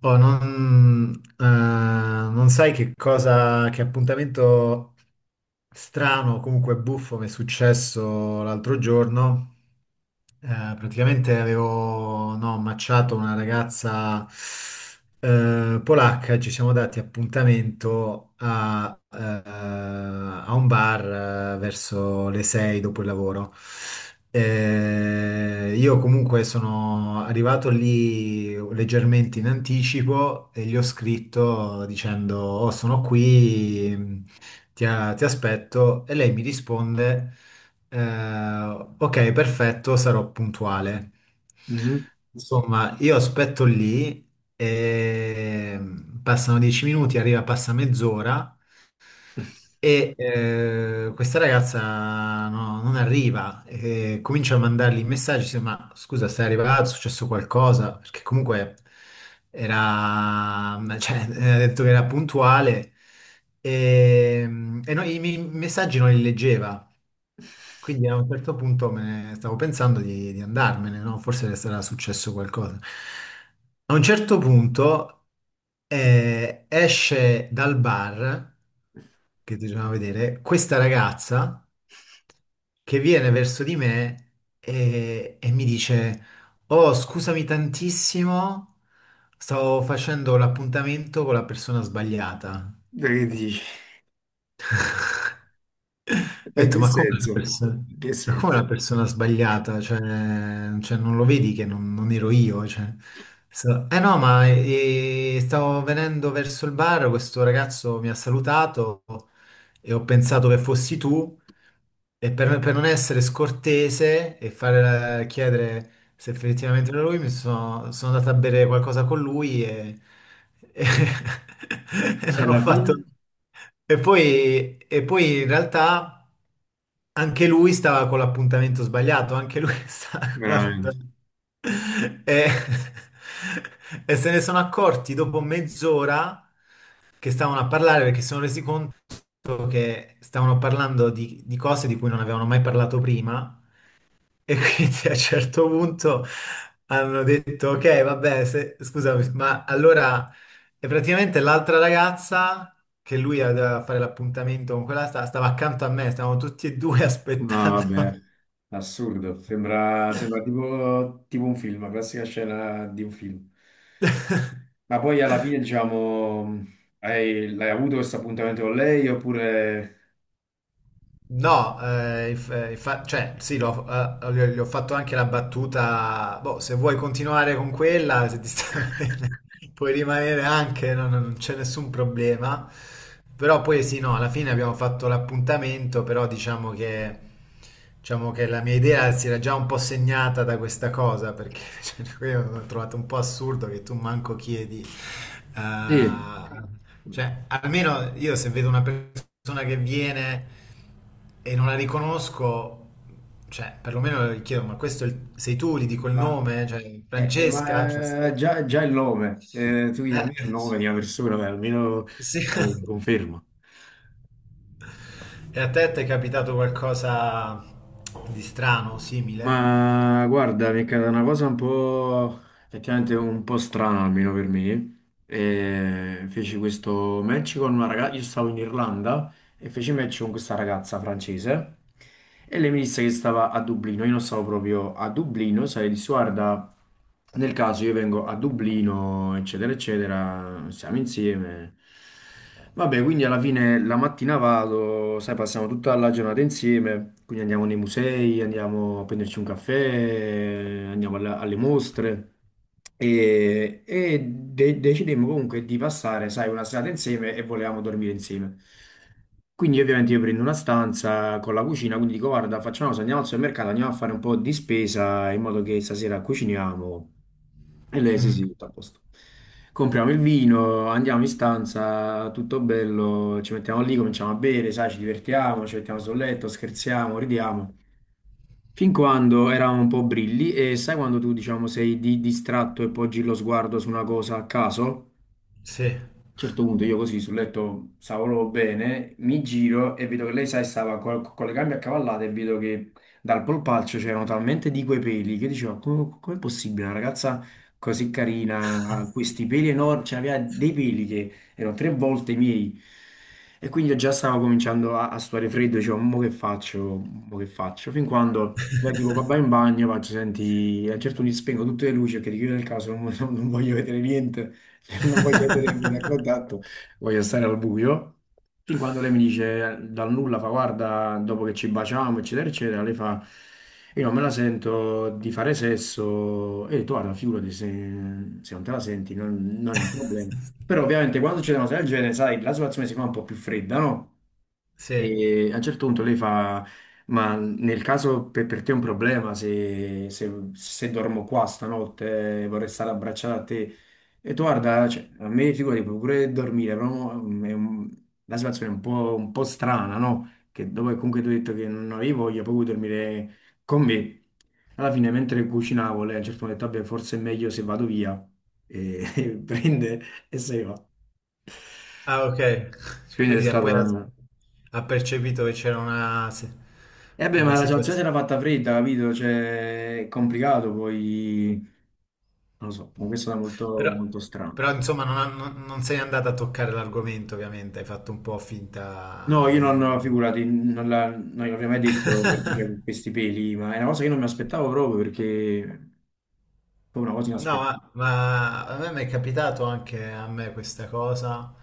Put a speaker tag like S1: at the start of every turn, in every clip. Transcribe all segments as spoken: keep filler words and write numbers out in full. S1: Oh, non, eh, non sai che cosa, che appuntamento. Strano, comunque buffo, mi è successo l'altro giorno. Eh, praticamente avevo no, ammacciato una ragazza eh, polacca, e ci siamo dati appuntamento a, eh, a un bar eh, verso le sei dopo il lavoro. Eh, io comunque sono arrivato lì leggermente in anticipo e gli ho scritto dicendo: Oh, sono qui, ti, a- ti aspetto, e lei mi risponde, eh, ok, perfetto, sarò puntuale.
S2: Mhm.
S1: Insomma, io aspetto lì e mm, passano dieci minuti, arriva, passa mezz'ora e eh, questa ragazza no, non arriva, e comincia a mandargli messaggi, dice, ma scusa, sei arrivato, è successo qualcosa? Perché comunque era, cioè, eh, ha detto che era puntuale e, e no, i miei messaggi non li leggeva, quindi a un certo punto me ne stavo pensando di, di andarmene, no? Forse le sarà successo qualcosa. A un certo punto eh, esce dal bar che ti doveva vedere, questa ragazza che viene verso di me e, e mi dice: Oh, scusami tantissimo, stavo facendo l'appuntamento con la persona sbagliata.
S2: Dai, che dici?
S1: Ho
S2: Ma in
S1: detto,
S2: che
S1: ma come la
S2: senso?
S1: persona,
S2: In che
S1: ma come
S2: senso?
S1: la persona sbagliata? Cioè, cioè, non lo vedi che non, non ero io? Cioè, so- eh no, ma eh, stavo venendo verso il bar, questo ragazzo mi ha salutato e ho pensato che fossi tu. E per, per non essere scortese e fare la- chiedere se effettivamente era lui, mi sono, sono andato a bere qualcosa con lui e, e- e
S2: E
S1: non ho
S2: alla fine?
S1: fatto... E poi, e poi in realtà anche lui stava con l'appuntamento sbagliato, anche lui stava...
S2: Veramente.
S1: E, e se ne sono accorti dopo mezz'ora che stavano a parlare perché si sono resi conto detto che stavano parlando di, di cose di cui non avevano mai parlato prima e quindi a un certo punto hanno detto, ok, vabbè, se- scusami, ma allora e praticamente l'altra ragazza che lui aveva a fare l'appuntamento con quella sta- stava accanto a me, stavamo tutti e due
S2: No,
S1: aspettando.
S2: vabbè, assurdo, sembra, sembra tipo, tipo un film, la classica scena di un film. Ma poi alla fine, diciamo, hai, l'hai avuto questo appuntamento con lei oppure...
S1: No, eh, inf- eh, infa- cioè, sì, l'ho- eh, gli ho, gli ho fatto anche la battuta. Boh, se vuoi continuare con quella, se ti sta bene, puoi rimanere anche, no, no, non c'è nessun problema. Però poi sì, no, alla fine abbiamo fatto l'appuntamento, però diciamo che, diciamo che la mia idea si era già un po' segnata da questa cosa, perché cioè, io l'ho trovato un po' assurdo che tu manco chiedi.
S2: Sì.
S1: eh, cioè, almeno io se vedo una persona che viene e non la riconosco, cioè, perlomeno le chiedo, ma questo è il- sei tu, gli dico il
S2: Ma,
S1: nome, cioè,
S2: eh, eh,
S1: Francesca, cioè,
S2: ma eh,
S1: se-
S2: già, già il nome, eh, tu mi dai
S1: eh,
S2: almeno il nome di una persona, beh, almeno
S1: sì.
S2: eh, conferma.
S1: E a te ti è capitato qualcosa di strano, simile?
S2: Ma guarda, mi è caduta una cosa un po' effettivamente un po' strana almeno per me. E feci questo match con una ragazza. Io stavo in Irlanda e feci match con questa ragazza francese e lei mi disse che stava a Dublino, io non stavo proprio a Dublino, sai, disse guarda, nel caso io vengo a Dublino, eccetera, eccetera, siamo insieme. Vabbè, quindi alla fine la mattina vado, sai, passiamo tutta la giornata insieme, quindi andiamo nei musei, andiamo a prenderci un caffè, andiamo alla- alle mostre e, e de- decidemmo comunque di passare, sai, una serata insieme e volevamo dormire insieme. Quindi ovviamente io prendo una stanza con la cucina, quindi dico guarda, facciamo una cosa, andiamo al supermercato, andiamo a fare un po' di spesa in modo che stasera cuciniamo. E lei sì,
S1: Mm,
S2: sì, tutto a posto. Compriamo il vino, andiamo in stanza, tutto bello, ci mettiamo lì, cominciamo a bere, sai, ci divertiamo, ci mettiamo sul letto, scherziamo, ridiamo. Fin quando eravamo un po' brilli e sai quando tu, diciamo, sei di- distratto e poggi lo sguardo su una cosa a caso?
S1: sì.
S2: A un certo punto io così sul letto stavo proprio bene, mi giro e vedo che lei, sai, stava co- con, le gambe accavallate e vedo che dal polpaccio c'erano talmente di quei peli che dicevo, come, com'è possibile una ragazza così carina, ha questi peli enormi, cioè aveva dei peli che erano tre volte i miei. E quindi io già stavo cominciando a, a sudare freddo, dicevo, mo che faccio, mo che faccio? Fin quando lei tipo, va vai in bagno, faccio, senti, a un certo punto gli spengo tutte le luci perché di chiudere il caso non non voglio vedere niente. Non voglio vedere il primo contatto, voglio stare al buio. Fin quando lei mi dice dal nulla, fa guarda, dopo che ci baciamo, eccetera, eccetera, lei fa, io non me la sento di fare sesso, e tu guarda, figurati se, se non te la senti, non, non è un problema. Però ovviamente quando c'è una cosa del genere, sai, la situazione si fa un po' più fredda, no?
S1: Sì.
S2: E a un certo punto lei fa, ma nel caso per, per te è un problema se, se- se dormo qua stanotte, vorrei stare abbracciata a te, e tu guarda, cioè, a me figurati, puoi pure dormire, però mm, è un- la situazione è un po', un po' strana, no? Che dopo che comunque tu hai detto che non avevi voglia, poi vuoi dormire con me. Alla fine, mentre cucinavo, lei a un certo punto ha detto, vabbè, forse è meglio se vado via. E prende e se ne va.
S1: Ah, ok.
S2: Quindi è
S1: Quindi eh,
S2: stata
S1: poi ha,
S2: una...
S1: ha percepito che c'era una, se-
S2: E vabbè,
S1: una
S2: ma la situazione si
S1: situazione.
S2: era fatta fredda, capito? Cioè, è complicato, poi... Non lo so, comunque è stata molto,
S1: Però,
S2: molto strana.
S1: però, insomma, non, ha- non- non sei andata a toccare l'argomento, ovviamente. Hai fatto un po'
S2: No,
S1: finta.
S2: io non,
S1: di-
S2: figurati, non la- non l'avrei mai detto perché c'erano questi peli, ma è una cosa che io non mi aspettavo proprio perché è proprio una cosa
S1: No,
S2: inaspettata.
S1: ma, ma a me mi è capitato anche a me questa cosa,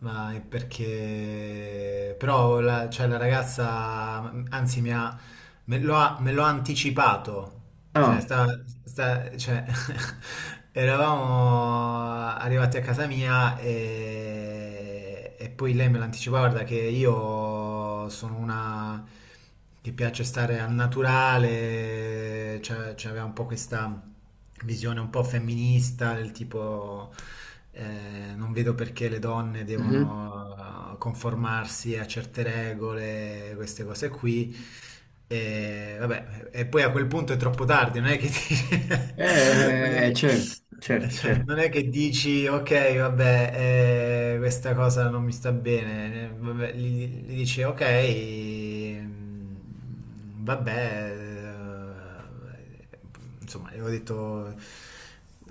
S1: ma è perché... Però la, cioè, la ragazza, anzi, mi ha, me lo ha, me lo ha anticipato. Cioè,
S2: Ah,
S1: sta, sta- cioè, eravamo arrivati a casa mia e, e poi lei me l'ha anticipato, guarda che io sono una... che piace stare al naturale, cioè, c'aveva un po' questa visione un po' femminista, del tipo eh, non vedo perché le donne
S2: mhm.
S1: devono eh, conformarsi a certe regole, queste cose qui. E, vabbè, e poi a quel punto è troppo tardi, non è che ti- non è
S2: Eh, eh,
S1: che,
S2: certo, certo,
S1: cioè,
S2: certo.
S1: non è che dici ok, vabbè, eh, questa cosa non mi sta bene, eh, vabbè, gli, gli dici ok, mm, vabbè, eh, eh, insomma, ho detto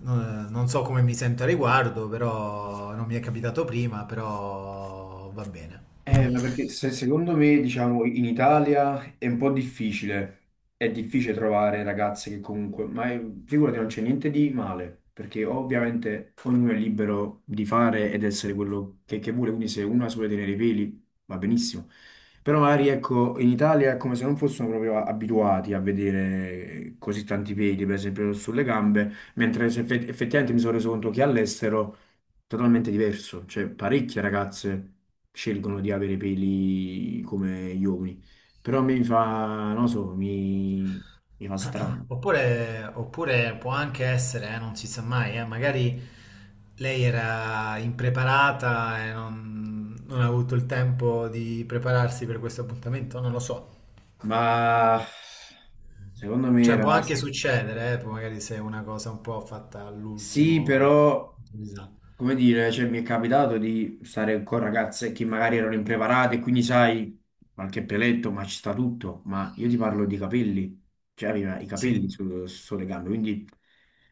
S1: non, non so come mi sento a riguardo, però non mi è capitato prima, però va bene.
S2: Eh, ma perché se- secondo me, diciamo, in Italia è un po' difficile, è difficile trovare ragazze che comunque, ma è- figurati, non c'è niente di male, perché ovviamente ognuno è libero di fare ed essere quello che, che vuole, quindi se uno ha solo tenere i peli va benissimo. Però magari, ecco, in Italia è come se non fossero proprio abituati a vedere così tanti peli, per esempio, sulle gambe, mentre se effe- effettivamente mi sono reso conto che all'estero totalmente diverso. Cioè, parecchie ragazze scelgono di avere i peli come gli uomini. Però a me mi fa, non lo so, mi, mi fa strano.
S1: Oppure, oppure può anche essere, eh, non si sa mai, eh, magari lei era impreparata e non, non ha avuto il tempo di prepararsi per questo appuntamento, non lo so.
S2: Ma secondo me
S1: Cioè
S2: era...
S1: può anche succedere, eh, magari se è una cosa un po' fatta
S2: Sì,
S1: all'ultimo.
S2: però,
S1: Improvvisato.
S2: come dire, cioè, mi è capitato di stare con ragazze che magari erano impreparate, quindi sai, qualche peletto, ma ci sta tutto. Ma io ti parlo di capelli. Cioè, aveva i
S1: Sì.
S2: capelli su- sulle gambe, quindi...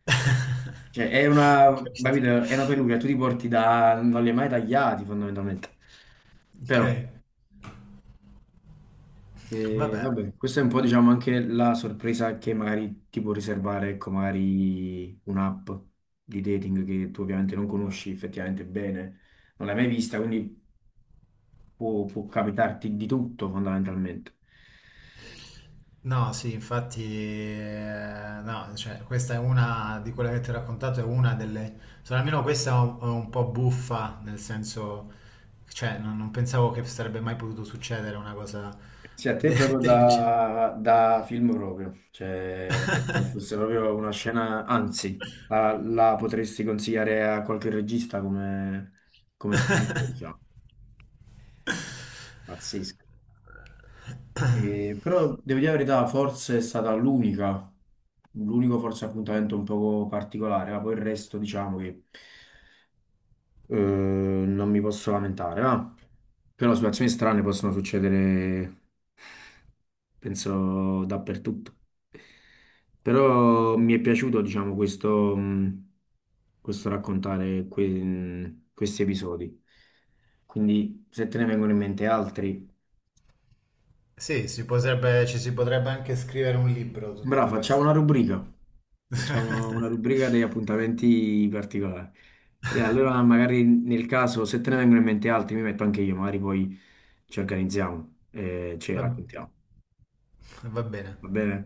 S1: Ho
S2: Cioè, è una,
S1: capito.
S2: capito? È una peluria, tu ti porti da... non li hai mai tagliati fondamentalmente.
S1: Ok,
S2: Però, eh,
S1: vabbè.
S2: vabbè, questa è un po', diciamo, anche la sorpresa che magari ti può riservare, ecco, magari un'app di dating che tu ovviamente non conosci effettivamente bene, non l'hai mai vista, quindi può, può capitarti di tutto fondamentalmente.
S1: No, sì, infatti, eh, no, cioè, questa è una di quelle che ti ho raccontato, è una delle, solo almeno questa è un, è un po' buffa, nel senso, cioè, non, non pensavo che sarebbe mai potuto succedere una cosa
S2: Sì, a te
S1: de-
S2: proprio
S1: del genere.
S2: da, da film proprio, cioè come fosse proprio una scena, anzi, la, la potresti consigliare a qualche regista come, come spunto, diciamo, pazzesco. E- però devo dire la verità, forse è stata l'unica, l'unico forse appuntamento un poco particolare, ma poi il resto diciamo che eh, non mi posso lamentare, ma però situazioni strane possono succedere penso dappertutto. Però mi è piaciuto, diciamo, questo, mh, questo raccontare que- mm, questi episodi. Quindi, se te ne vengono in mente altri,
S1: Sì, si potrebbe- ci si potrebbe anche scrivere un libro su tutte
S2: bravo, facciamo una
S1: queste.
S2: rubrica. Facciamo una rubrica degli appuntamenti particolari. E allora, magari nel caso, se te ne vengono in mente altri, mi metto anche io, magari poi ci organizziamo e ci
S1: Va,
S2: raccontiamo.
S1: va bene.
S2: Va bene?